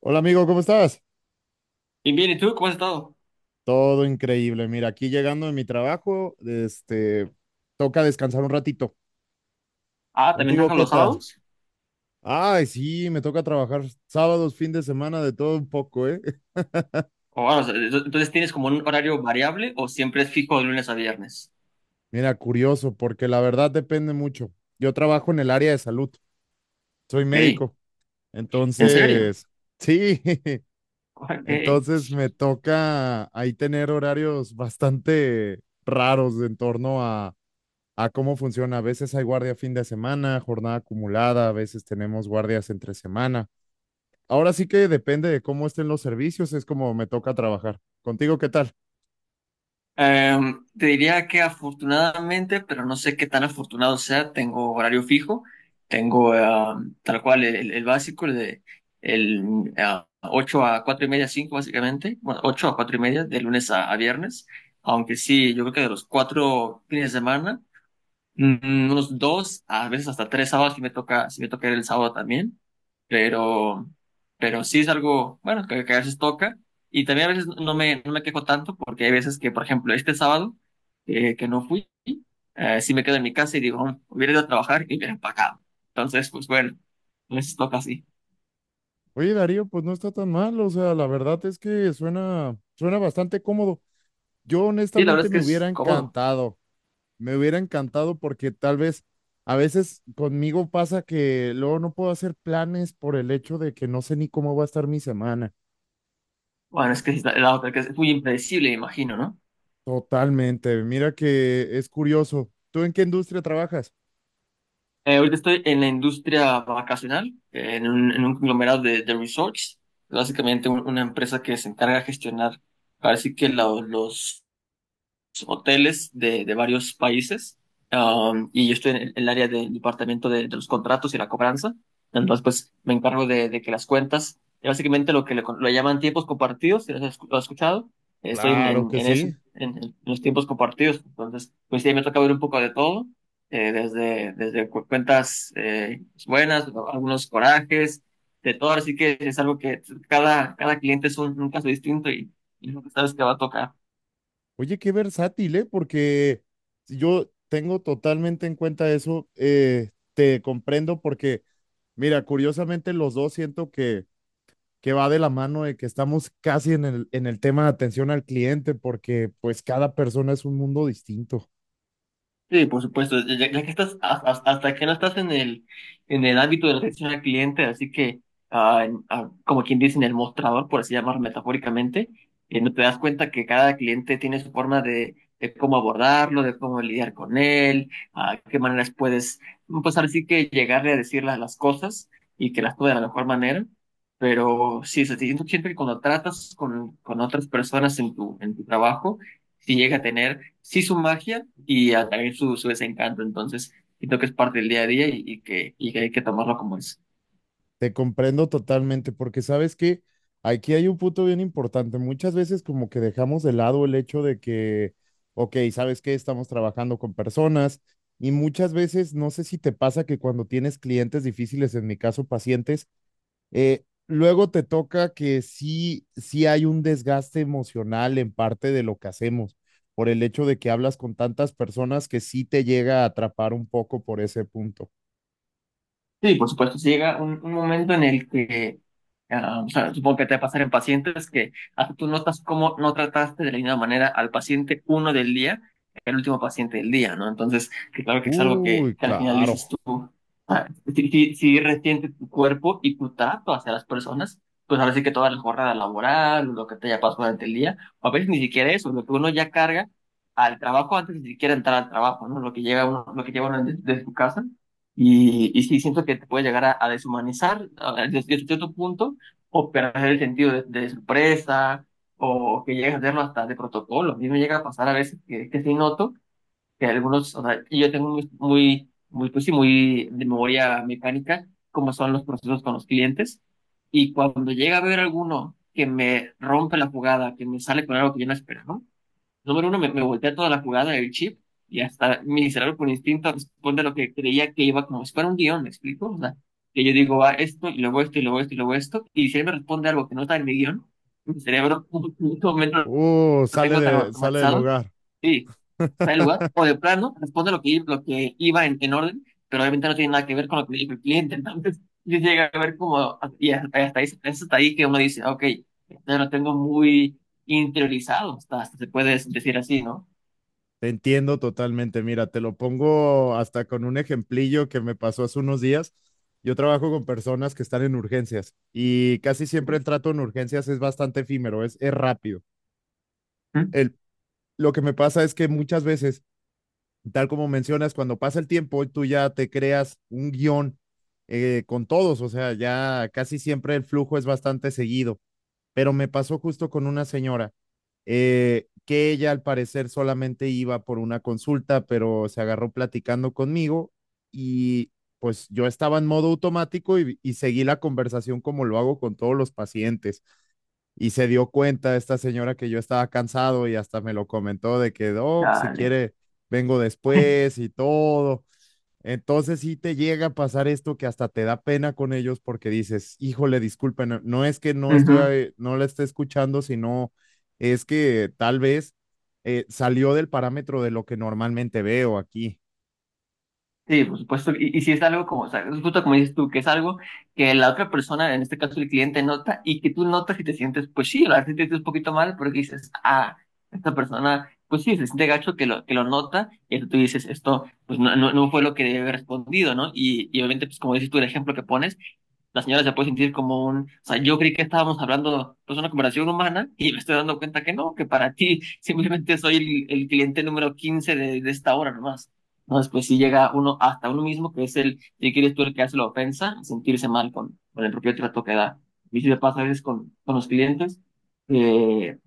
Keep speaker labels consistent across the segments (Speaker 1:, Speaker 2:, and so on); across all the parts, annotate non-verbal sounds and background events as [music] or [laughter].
Speaker 1: Hola amigo, ¿cómo estás?
Speaker 2: Bien, bien, ¿y tú cómo has estado?
Speaker 1: Todo increíble. Mira, aquí llegando de mi trabajo, este, toca descansar un ratito.
Speaker 2: Ah, ¿también
Speaker 1: ¿Contigo
Speaker 2: trabajas
Speaker 1: qué
Speaker 2: los
Speaker 1: tal?
Speaker 2: sábados?
Speaker 1: Ay, sí, me toca trabajar sábados, fin de semana, de todo un poco, ¿eh? [laughs]
Speaker 2: O sea, entonces tienes como un horario variable o siempre es fijo de lunes a viernes.
Speaker 1: Mira, curioso, porque la verdad depende mucho. Yo trabajo en el área de salud, soy
Speaker 2: Ok,
Speaker 1: médico,
Speaker 2: ¿en serio?
Speaker 1: entonces, sí, [laughs]
Speaker 2: Ok.
Speaker 1: entonces me toca ahí tener horarios bastante raros en torno a cómo funciona. A veces hay guardia fin de semana, jornada acumulada, a veces tenemos guardias entre semana. Ahora sí que depende de cómo estén los servicios, es como me toca trabajar. ¿Contigo qué tal?
Speaker 2: Te diría que afortunadamente, pero no sé qué tan afortunado sea, tengo horario fijo, tengo tal cual el básico, el de 8 a 4 y media, 5 básicamente, bueno, 8 a 4 y media de lunes a viernes, aunque sí, yo creo que de los cuatro fines de semana. Unos dos, a veces hasta tres sábados, si me toca ir el sábado también, pero, pero sí es algo, bueno, que a veces toca, y también a veces no me quejo tanto, porque hay veces que, por ejemplo, este sábado, que no fui, sí me quedo en mi casa y digo: Hubiera ido a trabajar y hubiera empacado." Entonces, pues bueno, a veces toca así.
Speaker 1: Oye, Darío, pues no está tan mal, o sea, la verdad es que suena bastante cómodo. Yo
Speaker 2: Sí, la verdad
Speaker 1: honestamente
Speaker 2: es que es cómodo.
Speaker 1: me hubiera encantado porque tal vez a veces conmigo pasa que luego no puedo hacer planes por el hecho de que no sé ni cómo va a estar mi semana.
Speaker 2: Bueno, es que es la otra, que es muy impredecible, me imagino, ¿no?
Speaker 1: Totalmente. Mira que es curioso. ¿Tú en qué industria trabajas?
Speaker 2: Ahorita estoy en la industria vacacional, en un conglomerado de resorts, básicamente una empresa que se encarga de gestionar, parece que los hoteles de varios países, y yo estoy en el área del departamento de los contratos y la cobranza. Entonces, pues me encargo de que las cuentas, básicamente lo que le, lo llaman tiempos compartidos, si lo has escuchado, estoy en,
Speaker 1: Claro
Speaker 2: en,
Speaker 1: que
Speaker 2: en eso,
Speaker 1: sí.
Speaker 2: en los tiempos compartidos. Entonces, pues sí, me toca ver un poco de todo, desde cuentas, buenas, algunos corajes, de todo. Así que es algo que cada cliente es un caso distinto, y es lo que sabes que va a tocar.
Speaker 1: Oye, qué versátil, ¿eh? Porque si yo tengo totalmente en cuenta eso. Te comprendo porque, mira, curiosamente los dos siento que va de la mano de que estamos casi en el tema de atención al cliente porque pues cada persona es un mundo distinto.
Speaker 2: Sí, por supuesto, ya que estás, hasta que no estás en el ámbito de la atención al cliente, así que, como quien dice, en el mostrador, por así llamar metafóricamente, no te das cuenta que cada cliente tiene su forma de cómo abordarlo, de cómo lidiar con él, a qué maneras puedes pues ahora sí que llegarle a decirle las cosas y que las tome de la mejor manera, pero sí, siento que cuando tratas con otras personas en tu trabajo, sí llega a tener, sí su magia y a también su desencanto. Entonces, siento que es parte del día a día, y que hay que tomarlo como es.
Speaker 1: Te comprendo totalmente, porque sabes que aquí hay un punto bien importante. Muchas veces como que dejamos de lado el hecho de que, ok, ¿sabes qué? Estamos trabajando con personas y muchas veces, no sé si te pasa que cuando tienes clientes difíciles, en mi caso pacientes, luego te toca que sí, sí hay un desgaste emocional en parte de lo que hacemos, por el hecho de que hablas con tantas personas que sí te llega a atrapar un poco por ese punto.
Speaker 2: Sí, por supuesto, si llega un momento en el que, o sea, supongo que te va a pasar en pacientes que hasta tú notas cómo no trataste de la misma manera al paciente uno del día, el último paciente del día, ¿no? Entonces, que claro que es algo que,
Speaker 1: Uy,
Speaker 2: que al final
Speaker 1: claro.
Speaker 2: dices tú, ah, si resiente tu cuerpo y tu trato hacia las personas, pues ahora sí que toda la jornada laboral, lo que te haya pasado durante el día, o a veces ni siquiera eso, lo que uno ya carga al trabajo antes de siquiera entrar al trabajo, ¿no? Lo que llega uno, lo que lleva uno desde de su casa, y sí, siento que te puede llegar a deshumanizar desde cierto punto, o perder el sentido de sorpresa, o que llegas a hacerlo hasta de protocolo. A mí me llega a pasar a veces que sí noto que algunos, o sea, y yo tengo muy, muy, muy, pues sí, muy de memoria mecánica como son los procesos con los clientes, y cuando llega a ver alguno que me rompe la jugada, que me sale con algo que yo no esperaba, número uno, me voltea toda la jugada del chip, y hasta mi cerebro por instinto responde a lo que creía que iba como si fuera un guión, ¿me explico? O sea, que yo digo, va esto y luego esto y luego esto y luego esto, y si él me responde algo que no está en mi guión, mi cerebro [laughs] en este momento lo
Speaker 1: Sale
Speaker 2: tengo tan
Speaker 1: de, sale del
Speaker 2: automatizado
Speaker 1: hogar.
Speaker 2: y está en el lugar, o de plano responde lo que iba en orden, pero obviamente no tiene nada que ver con lo que le dijo el cliente, [laughs] entonces yo llega a ver como, y hasta ahí, es hasta ahí que uno dice, ok, ya lo tengo muy interiorizado, hasta se puede decir así, ¿no?
Speaker 1: Te entiendo totalmente. Mira, te lo pongo hasta con un ejemplillo que me pasó hace unos días. Yo trabajo con personas que están en urgencias y casi siempre
Speaker 2: Ujú.
Speaker 1: el trato en urgencias es bastante efímero, es rápido. El, lo que me pasa es que muchas veces, tal como mencionas, cuando pasa el tiempo, tú ya te creas un guión con todos, o sea, ya casi siempre el flujo es bastante seguido. Pero me pasó justo con una señora que ella al parecer solamente iba por una consulta, pero se agarró platicando conmigo y pues yo estaba en modo automático y seguí la conversación como lo hago con todos los pacientes. Y se dio cuenta esta señora que yo estaba cansado y hasta me lo comentó de que, "Doc, si
Speaker 2: Dale.
Speaker 1: quiere, vengo después y todo." Entonces sí te llega a pasar esto que hasta te da pena con ellos porque dices, híjole, disculpen, no es que no estoy,
Speaker 2: Ujú.
Speaker 1: no la esté escuchando, sino es que tal vez salió del parámetro de lo que normalmente veo aquí.
Speaker 2: Sí, por supuesto. Y si es algo como, o sea, es justo como dices tú, que es algo que la otra persona, en este caso el cliente, nota y que tú notas y te sientes, pues sí, la verdad sí te sientes un poquito mal porque dices, esta persona, pues sí, se siente gacho que lo, nota, y entonces tú dices, esto, pues no, no, no fue lo que debe haber respondido, ¿no? Y obviamente, pues como dices tú, el ejemplo que pones, la señora se puede sentir como un, o sea, yo creí que estábamos hablando, pues, una conversación humana, y me estoy dando cuenta que no, que para ti [laughs] simplemente soy el cliente número 15 de esta hora nomás. Entonces, pues si llega uno hasta uno mismo, que es el, si quieres tú, el que hace la ofensa, sentirse mal con el propio trato que da. Y si te pasa a veces con los clientes, eh,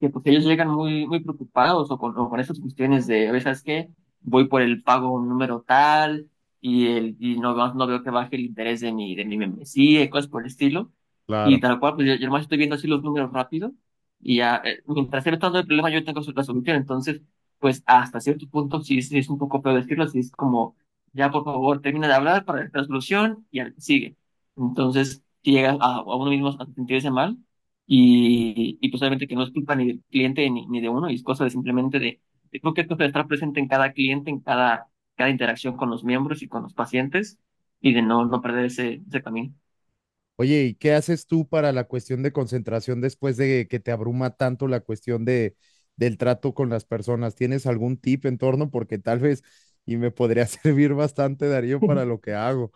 Speaker 2: que pues ellos llegan muy, muy preocupados, o con esas cuestiones de, oye, ¿sabes qué? Voy por el pago número tal y, el, y no, veo- no veo que baje el interés de mi membresía, y cosas por el estilo. Y
Speaker 1: Claro.
Speaker 2: tal cual, pues yo nomás estoy viendo así los números rápido, y ya, mientras él está dando el problema, yo tengo la solución. Entonces, pues hasta cierto punto sí es un poco feo decirlo, sí es como, ya por favor, termina de hablar para la solución y sigue. Entonces, si llega a uno mismo a sentirse mal, y pues obviamente que no es culpa ni del cliente ni de uno, y es cosa de simplemente creo que es cosa de estar presente en cada cliente, en cada interacción con los miembros y con los pacientes, y de no perder ese camino.
Speaker 1: Oye, ¿y qué haces tú para la cuestión de concentración después de que te abruma tanto la cuestión de, del trato con las personas? ¿Tienes algún tip en torno? Porque tal vez, y me podría [laughs] servir bastante, Darío, para
Speaker 2: [laughs]
Speaker 1: lo que hago.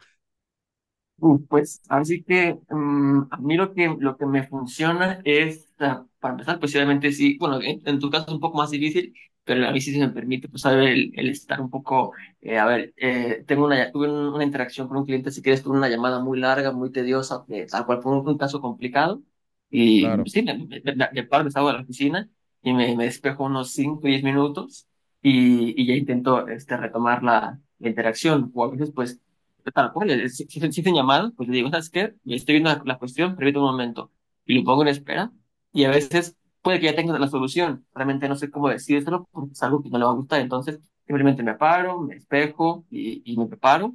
Speaker 2: Pues, así que a mí lo que, me funciona es, para empezar, pues obviamente sí, bueno, en tu caso es un poco más difícil, pero a mí sí se me permite, pues, saber el, estar un poco, a ver, tuve una interacción con un cliente, si quieres, tuve una llamada muy larga, muy tediosa, que tal cual fue un caso complicado, y
Speaker 1: Claro.
Speaker 2: sí, me paro, me salgo de la oficina, y me despejo unos 5, 10 minutos, y ya intento retomar la interacción, o a veces, pues, tal cual, si llamadas, pues le digo, ¿sabes qué? Estoy viendo la cuestión, permítame un momento. Y lo pongo en espera. Y a veces puede que ya tenga la solución. Realmente no sé cómo decírselo, porque es algo que no le va a gustar. Entonces, simplemente me paro, me espejo, y me preparo,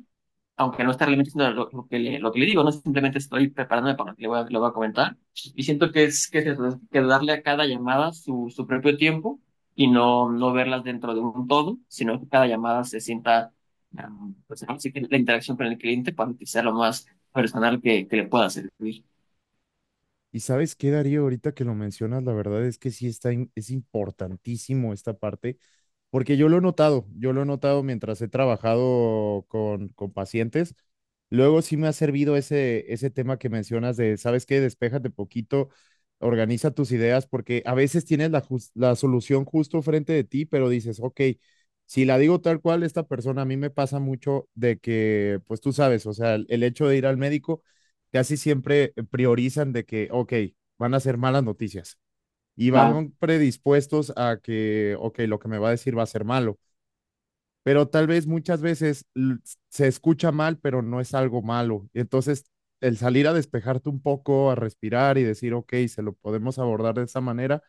Speaker 2: aunque no está realmente haciendo lo que le digo, no, simplemente estoy preparándome para lo que le voy a comentar. Y siento que que es eso, es que darle a cada llamada su, su propio tiempo, y no verlas dentro de un todo, sino que cada llamada se sienta, pues, así que la interacción con el cliente, para que sea lo más personal que le pueda servir.
Speaker 1: Y sabes qué, Darío, ahorita que lo mencionas, la verdad es que sí está, es importantísimo esta parte, porque yo lo he notado, yo lo he notado mientras he trabajado con pacientes. Luego sí me ha servido ese, ese tema que mencionas de, ¿sabes qué? Despéjate poquito, organiza tus ideas, porque a veces tienes la, la solución justo frente de ti, pero dices, ok, si la digo tal cual, esta persona a mí me pasa mucho de que, pues tú sabes, o sea, el hecho de ir al médico casi siempre priorizan de que, ok, van a ser malas noticias y
Speaker 2: Claro.
Speaker 1: van predispuestos a que, ok, lo que me va a decir va a ser malo, pero tal vez muchas veces se escucha mal, pero no es algo malo. Entonces, el salir a despejarte un poco, a respirar y decir, ok, se lo podemos abordar de esa manera,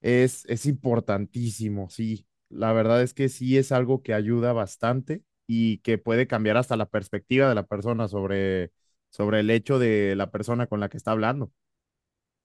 Speaker 1: es importantísimo, sí. La verdad es que sí es algo que ayuda bastante y que puede cambiar hasta la perspectiva de la persona sobre, sobre el hecho de la persona con la que está hablando.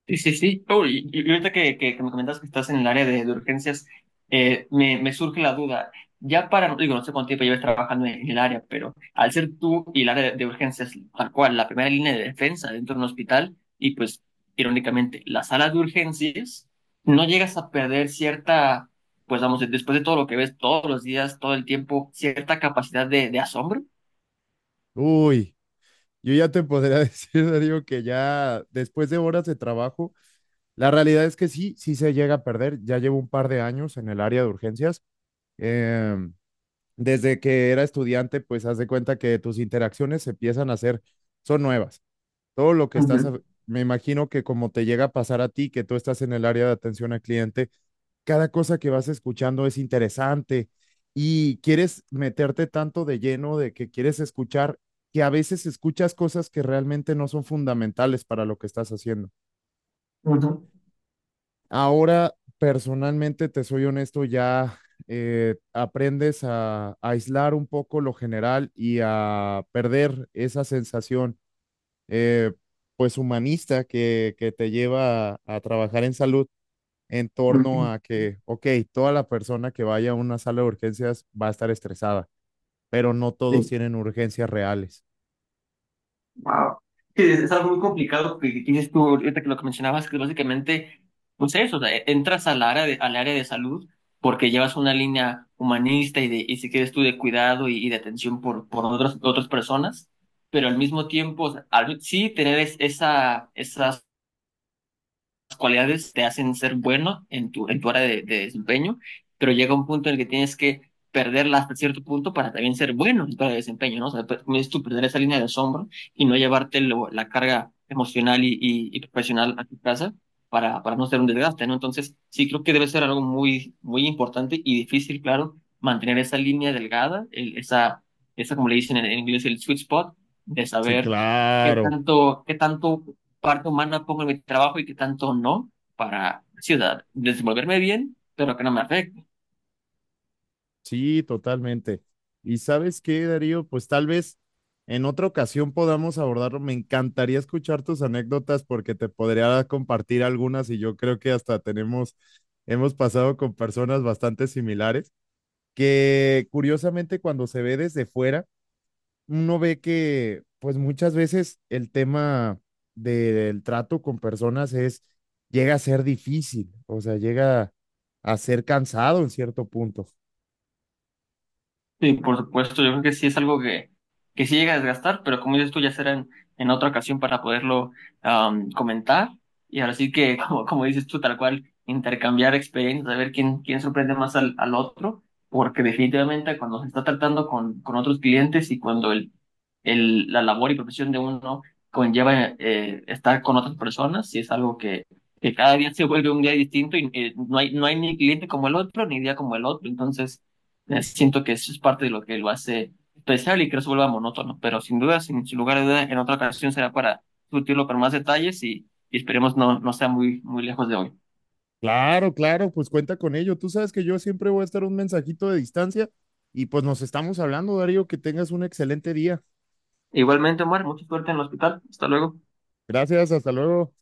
Speaker 2: Sí, sí, sí. Oh, y ahorita que me comentas que estás en el área de urgencias, me surge la duda. Ya para, digo, no sé cuánto tiempo llevas trabajando en el área, pero al ser tú y el área de urgencias, tal cual, la primera línea de defensa dentro de un hospital, y pues, irónicamente, la sala de urgencias, no llegas a perder cierta, pues vamos, después de todo lo que ves todos los días, todo el tiempo, cierta capacidad de asombro.
Speaker 1: Uy, yo ya te podría [laughs] decir, Darío, que ya después de horas de trabajo, la realidad es que sí, sí se llega a perder. Ya llevo un par de años en el área de urgencias. Em, Desde que era estudiante, pues haz de cuenta que tus interacciones se empiezan a hacer, son nuevas. Todo lo que
Speaker 2: Ujú,
Speaker 1: estás, me imagino que como te llega a pasar a ti, que tú estás en el área de atención al cliente, cada cosa que vas escuchando es interesante y quieres meterte tanto de lleno de que quieres escuchar, que a veces escuchas cosas que realmente no son fundamentales para lo que estás haciendo.
Speaker 2: ujú,
Speaker 1: Ahora, personalmente, te soy honesto, ya aprendes a aislar un poco lo general y a perder esa sensación eh, pues humanista que te lleva a trabajar en salud en torno
Speaker 2: ujú.
Speaker 1: a que, ok, toda la persona que vaya a una sala de urgencias va a estar estresada, pero no todos
Speaker 2: Sí.
Speaker 1: tienen urgencias reales.
Speaker 2: Wow. Es algo muy complicado que tienes tú ahorita, que lo que mencionabas, que básicamente, pues eso, o sea, entras al área de, salud, porque llevas una línea humanista y, si quieres tú, de cuidado, y de atención por, otras personas, pero al mismo tiempo, o sea, sí tener esa cualidades te hacen ser bueno en tu área de desempeño, pero llega un punto en el que tienes que perderla hasta cierto punto para también ser bueno en tu área de desempeño, ¿no? O sea, como dices tú, perder esa línea de asombro, y no llevarte la carga emocional y profesional a tu casa, para no ser un desgaste, ¿no? Entonces, sí creo que debe ser algo muy, muy importante y difícil, claro, mantener esa línea delgada, esa, como le dicen en inglés, el sweet spot, de
Speaker 1: Sí,
Speaker 2: saber qué
Speaker 1: claro,
Speaker 2: tanto, qué tanto parte humana pongo en mi trabajo y qué tanto no, para ciudad, desenvolverme bien, pero que no me afecte.
Speaker 1: sí, totalmente. ¿Y sabes qué, Darío? Pues tal vez en otra ocasión podamos abordarlo. Me encantaría escuchar tus anécdotas porque te podría compartir algunas y yo creo que hasta tenemos, hemos pasado con personas bastante similares. Que curiosamente cuando se ve desde fuera, uno ve que pues muchas veces el tema del trato con personas es, llega a ser difícil, o sea, llega a ser cansado en cierto punto.
Speaker 2: Sí, por supuesto, yo creo que sí es algo que sí llega a desgastar, pero como dices tú, ya será en otra ocasión para poderlo comentar. Y ahora sí que, [laughs] como dices tú, tal cual, intercambiar experiencias, a ver quién sorprende más al otro, porque definitivamente cuando se está tratando con otros clientes, y cuando la labor y profesión de uno conlleva estar con otras personas, sí es algo que cada día se vuelve un día distinto, y no hay ni cliente como el otro, ni día como el otro. Entonces, siento que eso es parte de lo que lo hace especial y que no se vuelva monótono, pero sin duda, sin lugar a duda, en otra ocasión será para discutirlo con más detalles, y esperemos no sea muy, muy lejos de hoy.
Speaker 1: Claro, claro, pues cuenta con ello. Tú sabes que yo siempre voy a estar un mensajito de distancia y pues nos estamos hablando, Darío, que tengas un excelente día.
Speaker 2: Igualmente, Omar, mucha suerte en el hospital. Hasta luego.
Speaker 1: Gracias, hasta luego.